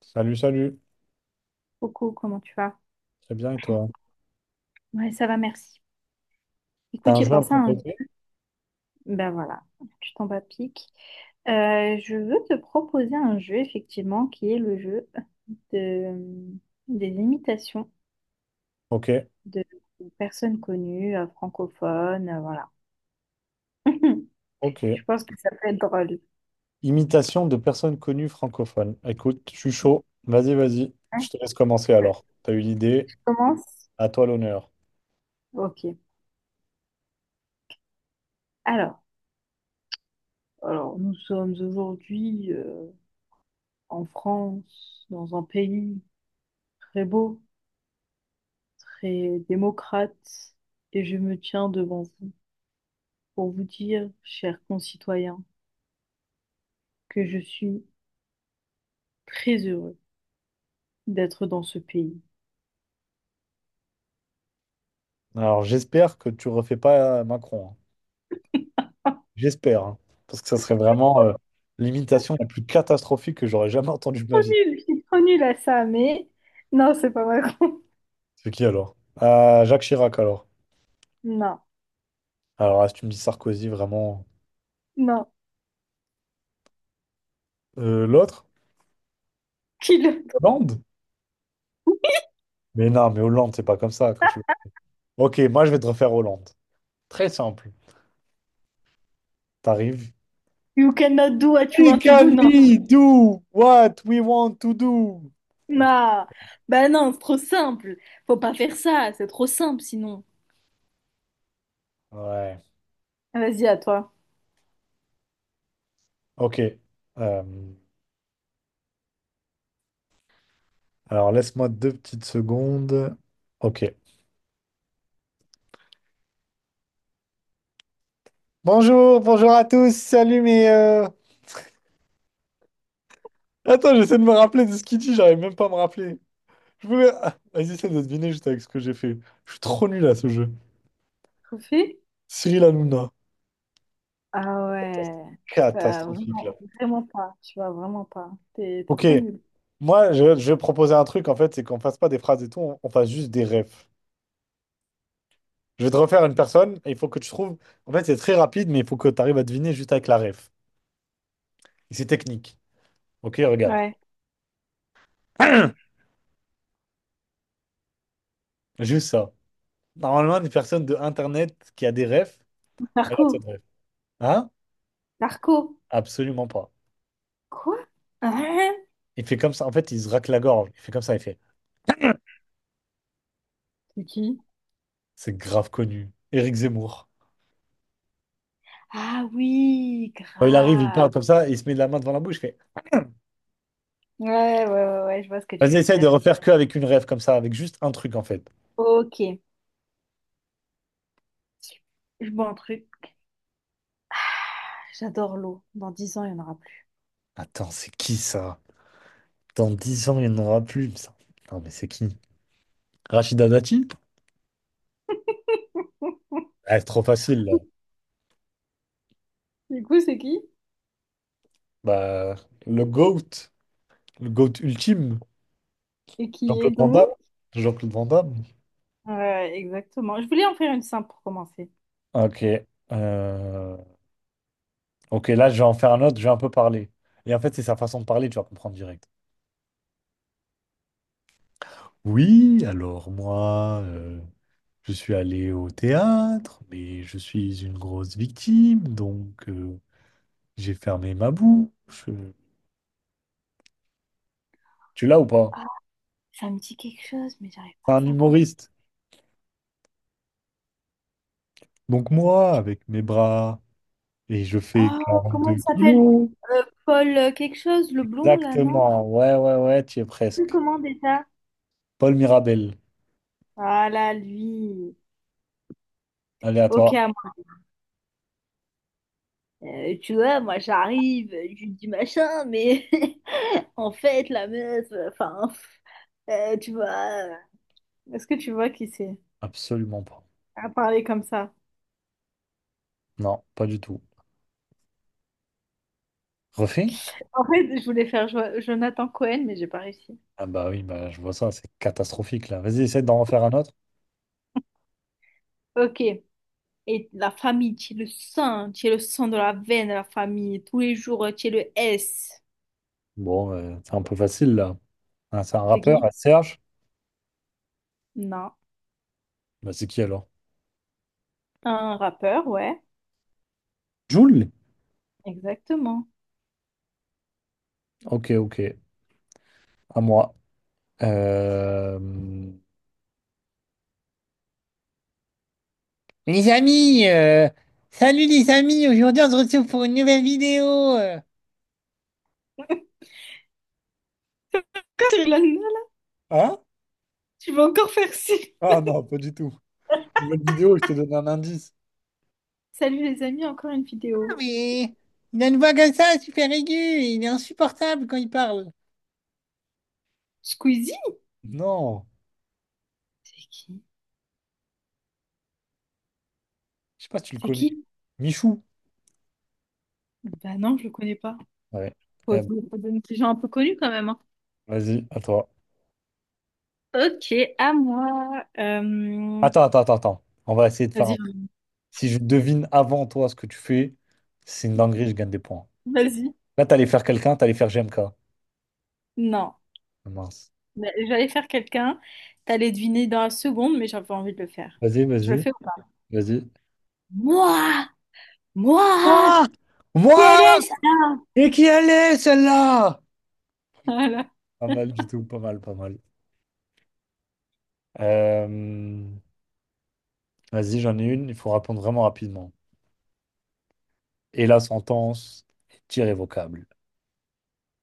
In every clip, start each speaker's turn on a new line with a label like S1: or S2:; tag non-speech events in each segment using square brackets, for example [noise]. S1: Salut, salut.
S2: Coucou, comment tu vas?
S1: Très bien, et toi?
S2: Ouais, ça va, merci.
S1: T'as
S2: Écoute,
S1: un
S2: j'ai
S1: jeu à me
S2: pensé à un
S1: proposer?
S2: ben voilà. Tu tombes à pic. Je veux te proposer un jeu, effectivement, qui est le jeu de, des imitations
S1: Ok,
S2: de personnes connues, francophones, voilà. [laughs] Je
S1: ok.
S2: pense que ça peut être drôle.
S1: Imitation de personnes connues francophones. Écoute, je suis chaud. Vas-y, vas-y. Je
S2: Hein,
S1: te laisse commencer
S2: je
S1: alors. T'as eu l'idée.
S2: commence?
S1: À toi l'honneur.
S2: Ok. Alors, alors, nous sommes aujourd'hui en France, dans un pays très beau, très démocrate, et je me tiens devant vous pour vous dire, chers concitoyens, que je suis très heureux d'être dans ce pays.
S1: Alors, j'espère que tu refais pas Macron, hein.
S2: Ah,
S1: J'espère, hein. Parce que ça serait vraiment l'imitation la plus catastrophique que j'aurais jamais entendue de ma
S2: trop
S1: vie.
S2: nul, je suis trop nulle à ça, mais non, c'est pas vrai. [laughs]
S1: C'est qui alors? Jacques Chirac alors.
S2: Non,
S1: Alors là, si tu me dis Sarkozy, vraiment.
S2: non.
S1: L'autre?
S2: Kill.
S1: Hollande? Mais non, mais Hollande, c'est pas comme ça que tu. Ok, moi je vais te refaire Hollande. Très simple. T'arrives.
S2: You cannot do what you
S1: We
S2: want to do,
S1: can
S2: non.
S1: we do what we want to do.
S2: Non, bah non, c'est trop simple. Faut pas faire ça, c'est trop simple sinon.
S1: Ouais.
S2: Vas-y, à toi.
S1: Ok. Euh, alors laisse-moi deux petites secondes. Ok. Bonjour, bonjour à tous. Salut. Mes. Attends, j'essaie de me rappeler de ce qu'il dit. J'arrive même pas à me rappeler. Je voulais. Ah. Vas-y, essaie de deviner juste avec ce que j'ai fait. Je suis trop nul à ce jeu.
S2: Trophée?
S1: Cyril Hanouna.
S2: Ah ouais.
S1: Catastrophique là.
S2: Vraiment, vraiment pas, tu vois, vraiment pas. T'es
S1: Ok.
S2: trop nul.
S1: Moi, je vais proposer un truc en fait, c'est qu'on fasse pas des phrases et tout, on fasse juste des refs. Je vais te refaire une personne et il faut que tu trouves. En fait, c'est très rapide, mais il faut que tu arrives à deviner juste avec la ref. Et c'est technique. Ok, regarde.
S2: Ouais.
S1: [clears throat] Juste ça. Normalement, une personne de Internet qui a des refs, elle a cette
S2: Marco.
S1: ref. Hein?
S2: Marco.
S1: Absolument pas.
S2: Quoi? Hein,
S1: Il fait comme ça. En fait, il se racle la gorge. Il fait comme ça. Il fait.
S2: c'est qui?
S1: C'est grave connu. Éric Zemmour.
S2: Ah oui,
S1: Quand il arrive, il parle
S2: grave.
S1: comme ça et il se met de la main devant la bouche. Il fait.
S2: Ouais, ouais, ouais, ouais, je vois ce que tu
S1: Vas-y,
S2: veux
S1: essaye de
S2: dire.
S1: refaire que avec une ref comme ça, avec juste un truc en fait.
S2: Ok, je bois un truc. J'adore l'eau. Dans 10 ans, il n'y en aura plus.
S1: Attends, c'est qui ça? Dans 10 ans, il n'y en aura plus. Ça. Non, mais c'est qui? Rachida Dati? Ah, c'est trop facile là.
S2: [laughs] Du coup, c'est qui?
S1: Bah, le GOAT, le GOAT ultime,
S2: Et qui est
S1: Jean-Claude Van Damme.
S2: donc?
S1: Jean-Claude Van Damme.
S2: Ouais, exactement. Je voulais en faire une simple pour commencer.
S1: Ok. euh, Ok, là, je vais en faire un autre, je vais un peu parler. Et en fait, c'est sa façon de parler, tu vas comprendre direct. Oui, alors moi, je suis allé au théâtre, mais je suis une grosse victime, donc j'ai fermé ma bouche. Tu l'as ou pas?
S2: Ah, ça me dit quelque chose, mais j'arrive pas
S1: C'est
S2: à
S1: un
S2: savoir qui c'est.
S1: humoriste. Donc moi, avec mes bras, et je fais
S2: Oh, comment il
S1: 42
S2: s'appelle?
S1: kilos.
S2: Paul quelque chose, le blond là, non?
S1: Exactement. Ouais, ouais, ouais, tu y es
S2: Je sais
S1: presque.
S2: comment déjà?
S1: Paul Mirabel.
S2: Voilà, lui.
S1: Allez, à
S2: Ok.
S1: toi.
S2: Tu vois, moi j'arrive, je dis machin, mais [laughs] en fait, la meuf, enfin, tu vois, euh, est-ce que tu vois qui c'est
S1: Absolument pas.
S2: à parler comme ça?
S1: Non, pas du tout. Refait?
S2: En fait, je voulais faire Jonathan Cohen, mais j'ai pas réussi.
S1: Ah bah oui, bah je vois ça, c'est catastrophique là. Vas-y, essaie d'en refaire un autre.
S2: Ok. Et la famille, tu es le sang, tu es le sang de la veine de la famille. Tous les jours, tu es le S.
S1: Bon, c'est un peu facile là. Ah, c'est un
S2: C'est
S1: rappeur,
S2: qui?
S1: ah, Serge.
S2: Non.
S1: Bah c'est qui alors?
S2: Un rappeur, ouais.
S1: Jul?
S2: Exactement.
S1: Ok, ok. À moi. Euh, Les amis, euh, salut les amis, aujourd'hui on se retrouve pour une nouvelle vidéo.
S2: Cyril Hanouna, là,
S1: Hein?
S2: tu vas encore faire ci.
S1: Ah non, pas du tout. Nouvelle vidéo, je t'ai donné un indice,
S2: Salut les amis, encore une vidéo.
S1: mais il a une voix comme ça, super aiguë, et il est insupportable quand il parle.
S2: Squeezie?
S1: Non, je sais pas si tu le
S2: C'est
S1: connais.
S2: qui?
S1: Michou.
S2: Bah non, je le connais pas.
S1: Ouais.
S2: Faut,
S1: Eh ben,
S2: faut donner des gens un peu connus quand même, hein.
S1: vas-y, à toi.
S2: Ok, à moi.
S1: Attends, attends, attends, attends. On va essayer de faire un.
S2: Vas-y,
S1: Si je devine avant toi ce que tu fais, c'est une dinguerie, je gagne des points.
S2: vas-y.
S1: Là, t'allais faire quelqu'un, t'allais faire GMK.
S2: Non,
S1: Ah, mince.
S2: mais j'allais faire quelqu'un. T'allais deviner dans la seconde, mais j'avais pas envie de le faire.
S1: Vas-y,
S2: Je le
S1: vas-y,
S2: fais ou pas?
S1: vas-y.
S2: Moi! Moi!
S1: Moi!
S2: Quel
S1: Moi!
S2: est ça?
S1: Et qui allait, celle-là?
S2: Voilà.
S1: Pas mal du
S2: [laughs]
S1: tout, pas mal, pas mal. Euh, Vas-y, j'en ai une, il faut répondre vraiment rapidement. Et la sentence est irrévocable.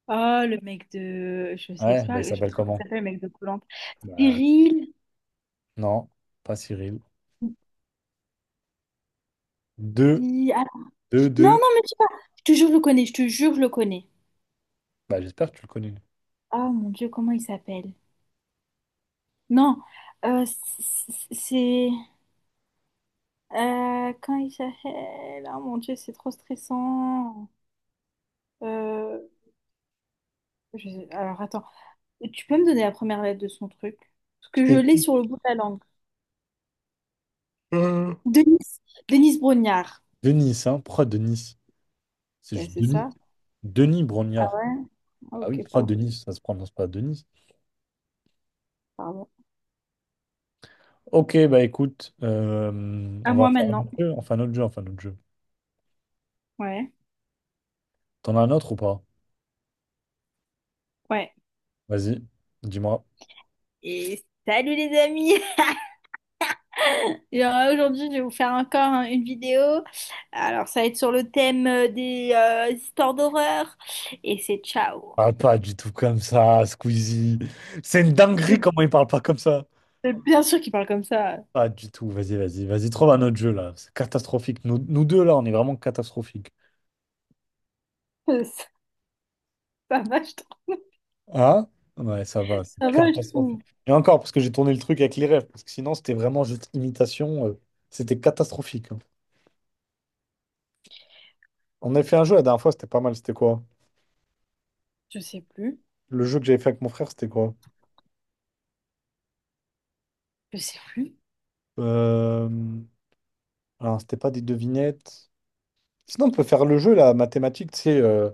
S2: Oh, le mec de... je sais
S1: Ouais, bah, il
S2: pas, je sais pas
S1: s'appelle
S2: comment il
S1: comment?
S2: s'appelle, le mec de Koh-Lanta.
S1: Bah,
S2: Cyril?
S1: non, pas Cyril. Deux,
S2: Ah,
S1: deux,
S2: non,
S1: deux.
S2: non, mais je sais pas. Je te jure, je le connais. Je te jure, je le connais.
S1: Bah, j'espère que tu le connais.
S2: Oh mon Dieu, comment il s'appelle? Non, euh, c- c'est... quand il s'appelle... Ah mon Dieu, c'est trop stressant. Euh, Alors attends, tu peux me donner la première lettre de son truc? Parce que je l'ai
S1: Putain.
S2: sur le bout de la langue.
S1: Euh,
S2: Denise, Denise Brognard.
S1: Denis, hein? Pourquoi Denis? C'est
S2: Ben
S1: juste
S2: c'est
S1: Denis.
S2: ça.
S1: Denis
S2: Ah
S1: Brognard.
S2: ouais? Ah,
S1: Bah oui,
S2: ok,
S1: pourquoi
S2: pardon.
S1: Denis? Ça se prononce pas Denis.
S2: Pardon.
S1: Ok, bah écoute,
S2: À
S1: on va
S2: moi
S1: faire un
S2: maintenant.
S1: autre jeu. On fait un autre jeu, on fait un autre jeu.
S2: Ouais,
S1: T'en as un autre ou pas?
S2: ouais.
S1: Vas-y, dis-moi.
S2: Et salut les amis! [laughs] Alors, aujourd'hui, je vais vous faire encore, hein, une vidéo. Alors, ça va être sur le thème des histoires d'horreur. Et c'est ciao!
S1: Parle pas du tout comme ça, Squeezie. C'est une
S2: C'est
S1: dinguerie comment il parle pas comme ça.
S2: c'est bien sûr qu'il parle comme ça. [laughs]
S1: Pas du tout. Vas-y, vas-y, vas-y, trouve un autre jeu là. C'est catastrophique. Nous, nous deux là, on est vraiment catastrophique.
S2: Euh, Ça ça va, je trouve.
S1: Hein? Ouais, ça va, c'est
S2: Ça va, je
S1: catastrophique.
S2: trouve.
S1: Et encore, parce que j'ai tourné le truc avec les rêves, parce que sinon c'était vraiment juste imitation. C'était catastrophique, hein. On avait fait un jeu la dernière fois, c'était pas mal. C'était quoi?
S2: Je sais plus.
S1: Le jeu que j'avais fait avec mon frère, c'était quoi?
S2: Je sais plus.
S1: Euh... Alors, c'était pas des devinettes. Sinon, on peut faire le jeu là, mathématique, tu sais,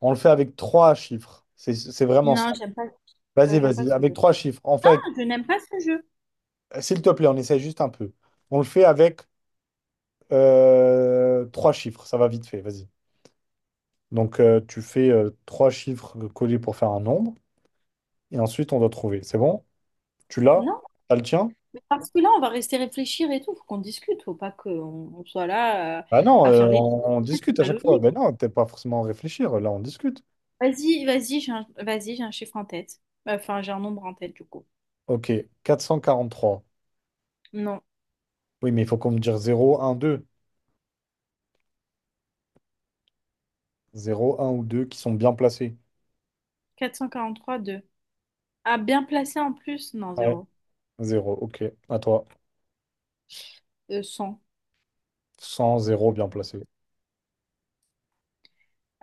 S1: on le fait avec trois chiffres. C'est vraiment ça.
S2: Non,
S1: Vas-y,
S2: j'aime pas
S1: vas-y,
S2: ce
S1: avec
S2: jeu.
S1: trois chiffres. On fait avec.
S2: Non, je n'aime pas ce jeu.
S1: S'il te plaît, on essaie juste un peu. On le fait avec trois chiffres, ça va vite fait, vas-y. Donc tu fais trois chiffres collés pour faire un nombre, et ensuite on doit trouver. C'est bon? Tu l'as?
S2: Non,
S1: T'as le tien?
S2: mais parce que là, on va rester réfléchir et tout. Faut qu'on discute. Faut pas qu'on on soit là
S1: Bah non,
S2: à faire les
S1: on discute à
S2: à
S1: chaque fois.
S2: l'olive.
S1: Ben non, t'es pas forcément à réfléchir, là on discute.
S2: Vas-y, vas-y, j'ai un chiffre en tête. Enfin, j'ai un nombre en tête, du coup.
S1: Ok, 443.
S2: Non.
S1: Oui, mais il faut qu'on me dise zéro, un, deux, zéro, un ou 2 qui sont bien placés.
S2: 443 deux. Ah, bien placé en plus. Non,
S1: Ouais.
S2: 0.
S1: 0, ok, à toi.
S2: 100.
S1: 100 zéro bien placé.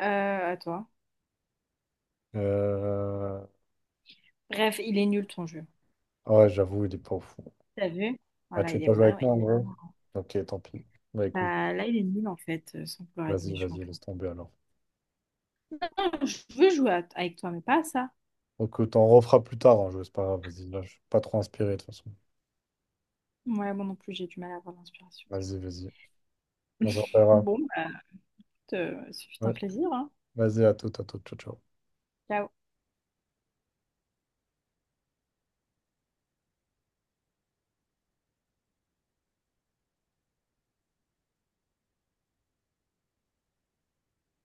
S2: À toi.
S1: Euh,
S2: Bref, il est nul ton jeu.
S1: Ouais, j'avoue, il est pas fou.
S2: T'as vu?
S1: Ah,
S2: Voilà,
S1: tu veux
S2: il est
S1: pas jouer
S2: pas.
S1: avec
S2: Ouais,
S1: moi en
S2: il est là.
S1: gros? Ok, tant pis. Bah écoute,
S2: Bah, là, il est nul en fait, sans vouloir être
S1: vas-y,
S2: méchante.
S1: vas-y, laisse tomber alors.
S2: Non, je veux jouer avec toi, mais pas à ça.
S1: Ok, t'en refera plus tard, hein, je c'est pas grave, vas-y, là, je suis pas trop inspiré de toute façon.
S2: Ouais, moi non plus, j'ai du mal à avoir l'inspiration.
S1: Vas-y, vas-y, on se
S2: [laughs]
S1: rappellera.
S2: Bon, bah, écoute, ce fut un
S1: Ouais.
S2: plaisir, hein.
S1: Vas-y, à tout, ciao, ciao.
S2: Ciao.